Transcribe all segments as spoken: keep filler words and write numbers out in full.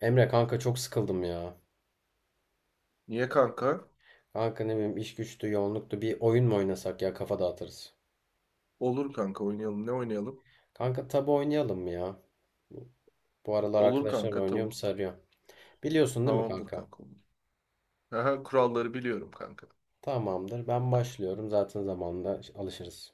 Emre kanka çok sıkıldım ya. Niye kanka? Kanka ne bileyim iş güçtü, yoğunluktu. Bir oyun mu oynasak ya kafa dağıtırız. Olur kanka oynayalım. Ne oynayalım? Kanka tabu oynayalım mı ya? Bu aralar Olur arkadaşlarla kanka oynuyorum tavuk. sarıyor. Biliyorsun değil mi Tamamdır kanka? kanka olur. Aha, kuralları biliyorum kanka. Tamamdır. Ben başlıyorum. Zaten zamanında alışırız.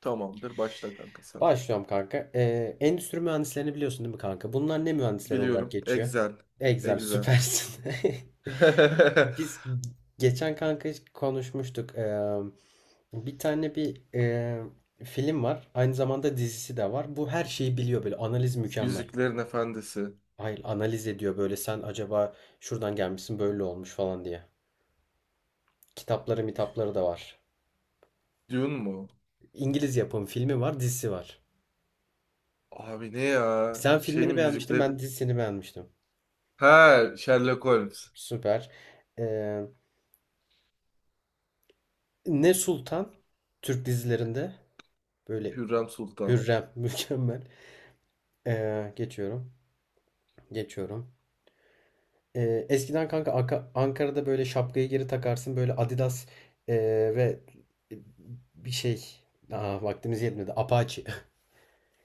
Tamamdır başla kanka sen. Başlıyorum kanka. Ee, endüstri mühendislerini biliyorsun değil mi kanka? Bunlar ne mühendisleri olarak Biliyorum. geçiyor? Excel. Excel Excel. süpersin. Biz geçen kanka konuşmuştuk. Eee, bir tane bir eee, film var. Aynı zamanda dizisi de var. Bu her şeyi biliyor böyle. Analiz mükemmel. Yüzüklerin Efendisi. Hayır, analiz ediyor böyle. Sen acaba şuradan gelmişsin böyle olmuş falan diye. Kitapları mitapları da var. Dune mu? İngiliz yapım filmi var, dizisi var. Abi ne ya? Sen Şey filmini mi beğenmiştin, yüzükler? ben dizisini beğenmiştim. Ha Sherlock Holmes. Süper. Eee, Ne Sultan Türk dizilerinde böyle Hürrem Sultan. Hürrem mükemmel. Eee, geçiyorum. Geçiyorum. Eee, eskiden kanka Aka- Ankara'da böyle şapkayı geri takarsın böyle Adidas eee, ve bir şey. Aa, vaktimiz yetmedi Apache.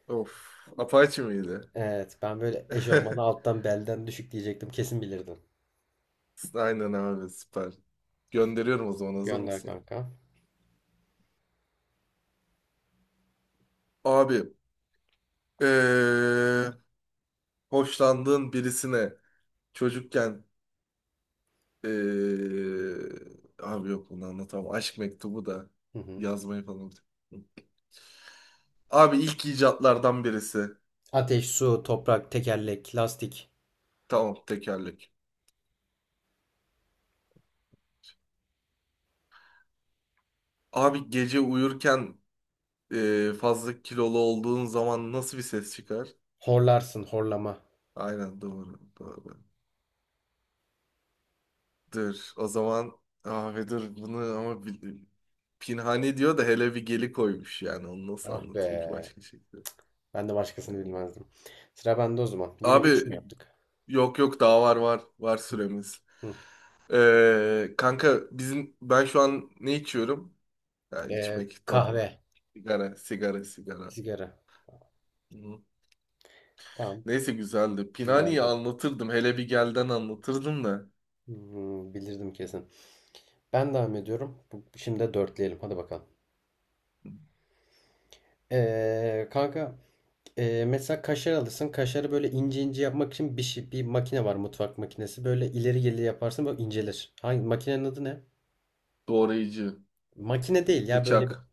Of. Apache miydi? Evet ben böyle eşofmanı alttan belden düşük diyecektim kesin bilirdin. Aynen abi süper. Gönderiyorum o zaman hazır Gönder mısın? kanka. Abi. Eee hoşlandığın birisine çocukken eee, abi yok bunu anlatamam. Aşk mektubu da Hı hı. yazmayı falan. unuttum. Abi ilk icatlardan birisi. Ateş, su, toprak, tekerlek, lastik. Tamam tekerlek. Abi gece uyurken eee, fazla kilolu olduğun zaman nasıl bir ses çıkar? Horlarsın horlama. Aynen doğru doğru. Dur o zaman abi dur bunu ama bil- Pinhani diyor da hele bir geli koymuş yani onu nasıl Ah be anlatayım ki başka şekilde. ben de başkasını Yani. bilmezdim. Sıra bende o zaman. Yine üç mü Abi yaptık? Yok yok daha var var. Var Hı süremiz. hı. Ee, kanka bizim ben şu an ne içiyorum? Ya Eee, içmek tabu. Kahve, Sigara, sigara, sigara. sigara. Hı. Tamam, Neyse güzeldi. Pinani'yi güzeldi. anlatırdım. Hele bir gelden anlatırdım da. Hmm, bilirdim kesin. Ben devam ediyorum. Bu- Şimdi de dörtleyelim. Hadi bakalım. Ee, kanka ee, mesela kaşar alırsın. Kaşarı böyle ince ince yapmak için bir şey, bir makine var. Mutfak makinesi. Böyle ileri geri yaparsın böyle incelir. Hangi makinenin adı ne? Doğrayıcı, Makine değil ya, böyle bir bıçak,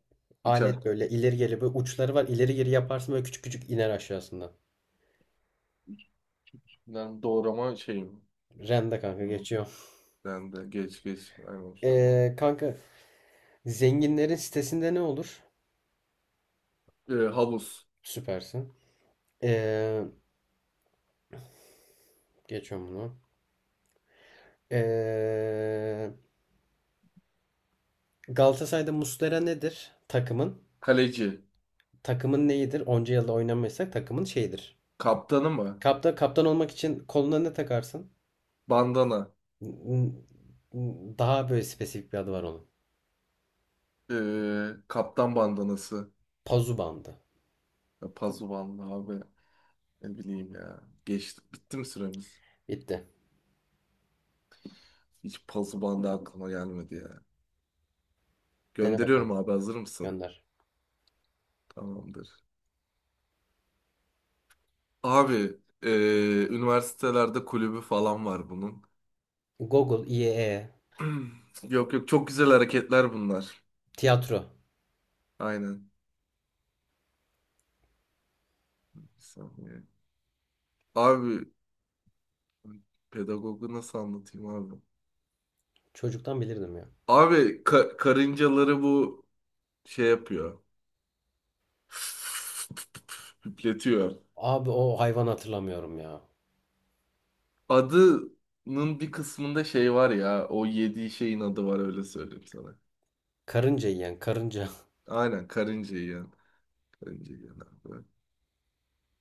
alet, bıçak. böyle ileri geri, böyle uçları var. İleri geri yaparsın, böyle küçük küçük iner aşağısından. Ben doğrama şeyim. Rende kanka, Hı. geçiyor. Ben de geç geç. Aynen şu an. Ee, kanka, zenginlerin sitesinde ne olur? Ee, havuz, Süpersin. Ee, Geçiyorum bunu. Ee, Galatasaray'da Muslera nedir? Takımın. kaleci, Takımın neyidir? Onca yılda oynamıyorsak takımın şeyidir. kaptanı mı? Kaptan, kaptan olmak için koluna ne takarsın? Bandana. Daha böyle spesifik bir adı var onun. Ee, kaptan bandanası. Pazu bandı. Ya, Pazuvanlı abi. Ne bileyim ya. Geçti. Bitti mi süremiz? Bitti. Hiç puzzle bandı aklıma gelmedi ya. Dene bakalım. Gönderiyorum abi hazır mısın? Gönder. Tamamdır. Abi eee, üniversitelerde kulübü falan var bunun. Google, I E, Yok yok çok güzel hareketler bunlar. tiyatro. Aynen. Bir saniye. Abi pedagogu nasıl anlatayım abi? Çocuktan bilirdim ya. Abi ka- karıncaları bu şey yapıyor. Üfletiyor. Abi o hayvan hatırlamıyorum ya. Adının bir kısmında şey var ya. O yediği şeyin adı var, öyle söyleyeyim sana. Karınca yiyen, karınca. Aynen karınca yiyen. Karınca yiyen abi.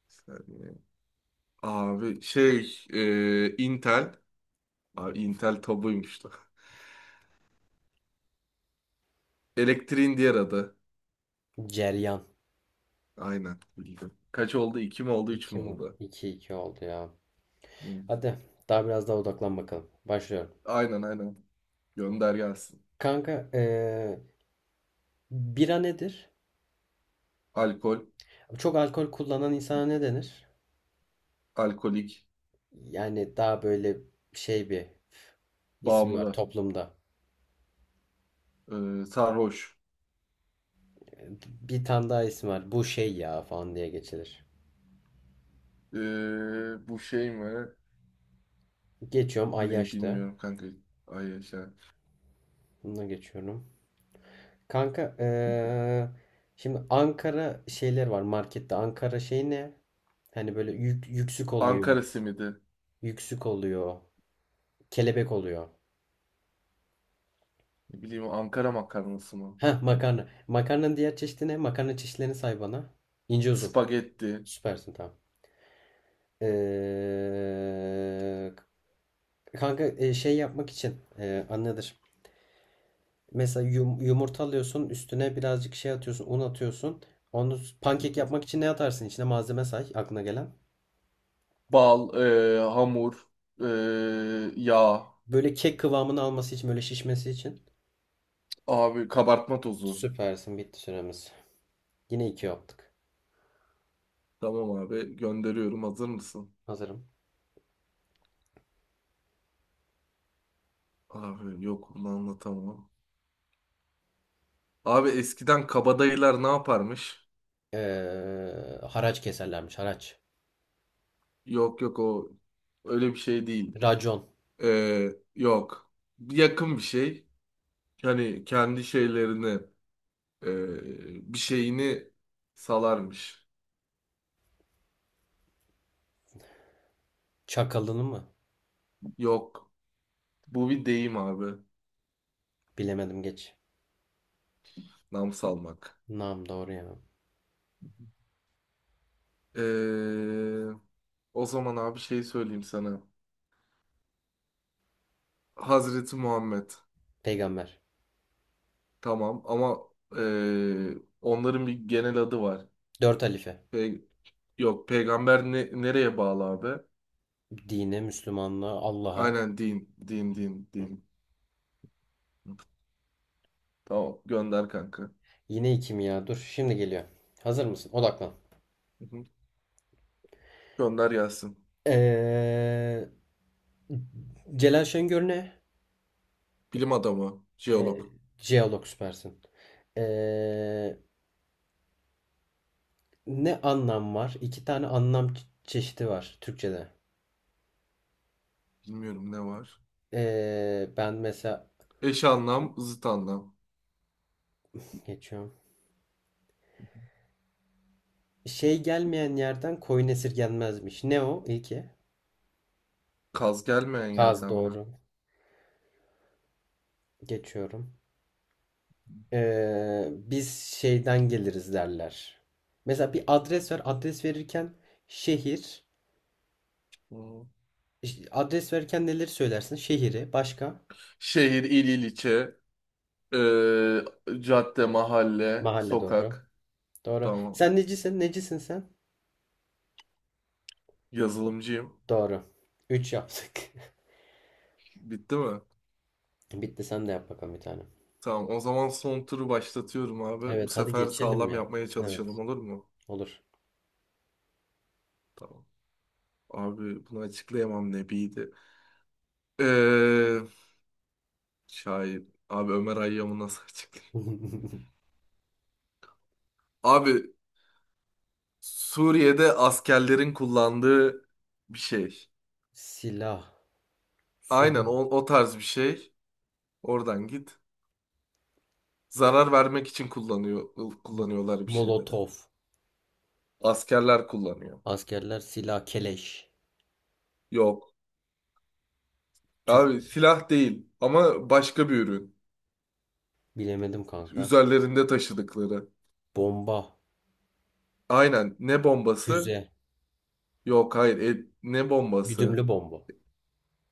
Bir saniye. Abi şey e, Intel. Abi Intel tabuymuş lan. Elektriğin diğer adı. Ceryan. Aynen bildim. Kaç oldu? İki mi oldu? Üç iki mü mi? oldu? 2 iki oldu ya. Hı. Hadi daha biraz daha odaklan bakalım. Başlıyorum. Aynen aynen. Gönder gelsin. Kanka, eee, bira nedir? Alkol. Çok alkol kullanan insana ne denir? Alkolik. Yani daha böyle şey bir ismi var Bağımlı. toplumda. e, sarhoş. Bir tane daha ismi var. Bu şey ya falan diye geçilir. E, bu şey mi? Geçiyorum Ne Ayyaş'ta. bilmiyorum kanka. Ay yaşa. Bununla geçiyorum. Kanka, eee, şimdi Ankara şeyler var markette. Ankara şey ne? Hani böyle yük, yüksük oluyor. Ankara simidi. Yüksük oluyor. Kelebek oluyor. Ne bileyim Ankara makarnası mı? Heh, makarna. Makarnanın diğer çeşidi ne? Makarna çeşitlerini say bana. İnce uzun. Spagetti. Süpersin, tamam. Ee, kanka e, şey yapmak için e, anladır. Mesela yum- yumurta alıyorsun, üstüne birazcık şey atıyorsun, un atıyorsun. Onu s- Hı Pankek hı. yapmak için ne atarsın? İçine malzeme say aklına gelen. Bal, e, hamur, e, yağ, Böyle kek kıvamını alması için, böyle şişmesi için. abi kabartma tozu. Süpersin, bitti süremiz. Yine iki yaptık. Tamam abi gönderiyorum. Hazır mısın? Hazırım. Abi yok bunu anlatamam. Abi eskiden kabadayılar ne yaparmış? Ee, haraç keserlermiş, haraç. Yok yok, o öyle bir şey değil. Racon. E, yok. Yakın bir şey. Hani kendi şeylerini, e, bir şeyini salarmış. Çakalını mı? Yok. Bu bir deyim abi. Bilemedim, geç. Nam salmak. Nam, doğru ya. Ee, o zaman abi şey söyleyeyim sana. Hazreti Muhammed. Peygamber. Tamam ama ee, onların bir genel adı var. Dört halife. Pe- Yok, peygamber ne- nereye bağlı abi? Dine, Müslümanlığa, Allah'a. Aynen din. Din din din. Tamam gönder kanka. Yine iki mi ya? Dur, şimdi geliyor. Hazır mısın? Odaklan. Hı hı. Gönder gelsin. Ee, Celal Şengör ne? Bilim adamı, jeolog. Ee, Jeolog, süpersin. Ee, Ne anlam var? İki tane anlam çe- çeşidi var Türkçe'de. Bilmiyorum ne var. Ee, ben mesela Eş anlam, zıt anlam. geçiyorum. Şey gelmeyen yerden koyun esirgenmezmiş. Ne o? İlki. Kaz gelmeyen Saz, yerden mi? doğru. Geçiyorum. Ee, biz şeyden geliriz derler. Mesela bir adres ver. Adres verirken şehir. Hı. İşte adres verirken neleri söylersin? Şehri, başka? Şehir, il, ilçe. Ee, cadde, mahalle, Mahalle, doğru. sokak. Doğru. Tamam. Sen necisin? Necisin sen? Yazılımcıyım. Doğru. Üç yaptık. Bitti mi? Bitti, sen de yap bakalım bir tane. Tamam. O zaman son turu başlatıyorum abi. Bu Evet, hadi sefer geçelim sağlam ya. yapmaya çalışalım, Evet, olur mu? olur. Tamam. Abi bunu açıklayamam nebiydi. Ee, şair. Abi Ömer Hayyam'ı nasıl açıklayayım? Abi Suriye'de askerlerin kullandığı bir şey. Silah. Aynen o, Suri. o tarz bir şey. Oradan git. Zarar vermek için kullanıyor, kullanıyorlar bir şeylere. Molotov. Askerler kullanıyor. Askerler silah, keleş. Yok. Tüf. Abi silah değil ama başka bir ürün. Bilemedim kanka. Üzerlerinde taşıdıkları. Bomba. Aynen. Ne bombası? Füze. Yok, hayır. E, ne bombası? Güdümlü bomba.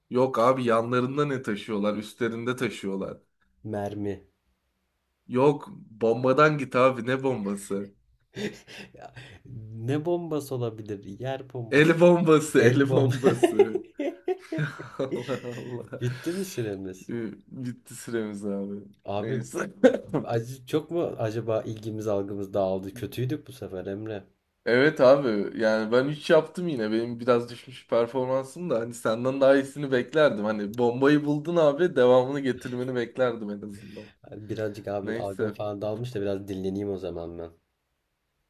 Yok abi, yanlarında ne taşıyorlar? Üstlerinde taşıyorlar. Mermi. Yok, bombadan git abi, ne bombası? Ya, ne bombası olabilir? Yer El bombası. bombası, el El bombası. bombası. Allah Allah. Bitti mi süremiz? Ee, Bitti süremiz abi. Abi Neyse. acı çok mu acaba, ilgimiz algımız dağıldı? Kötüydük bu sefer Emre. Evet abi, yani ben üç yaptım, yine benim biraz düşmüş performansım da hani senden daha iyisini beklerdim. Hani bombayı buldun abi, devamını getirmeni beklerdim en azından. Birazcık abi algım Neyse falan dağılmış da, biraz dinleneyim o zaman ben.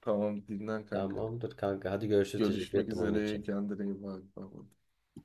tamam, dinlen kanka. Tamamdır kanka. Hadi görüşürüz. Teşekkür Görüşmek ettim oyun üzere, için. kendine iyi bak. Bye bye.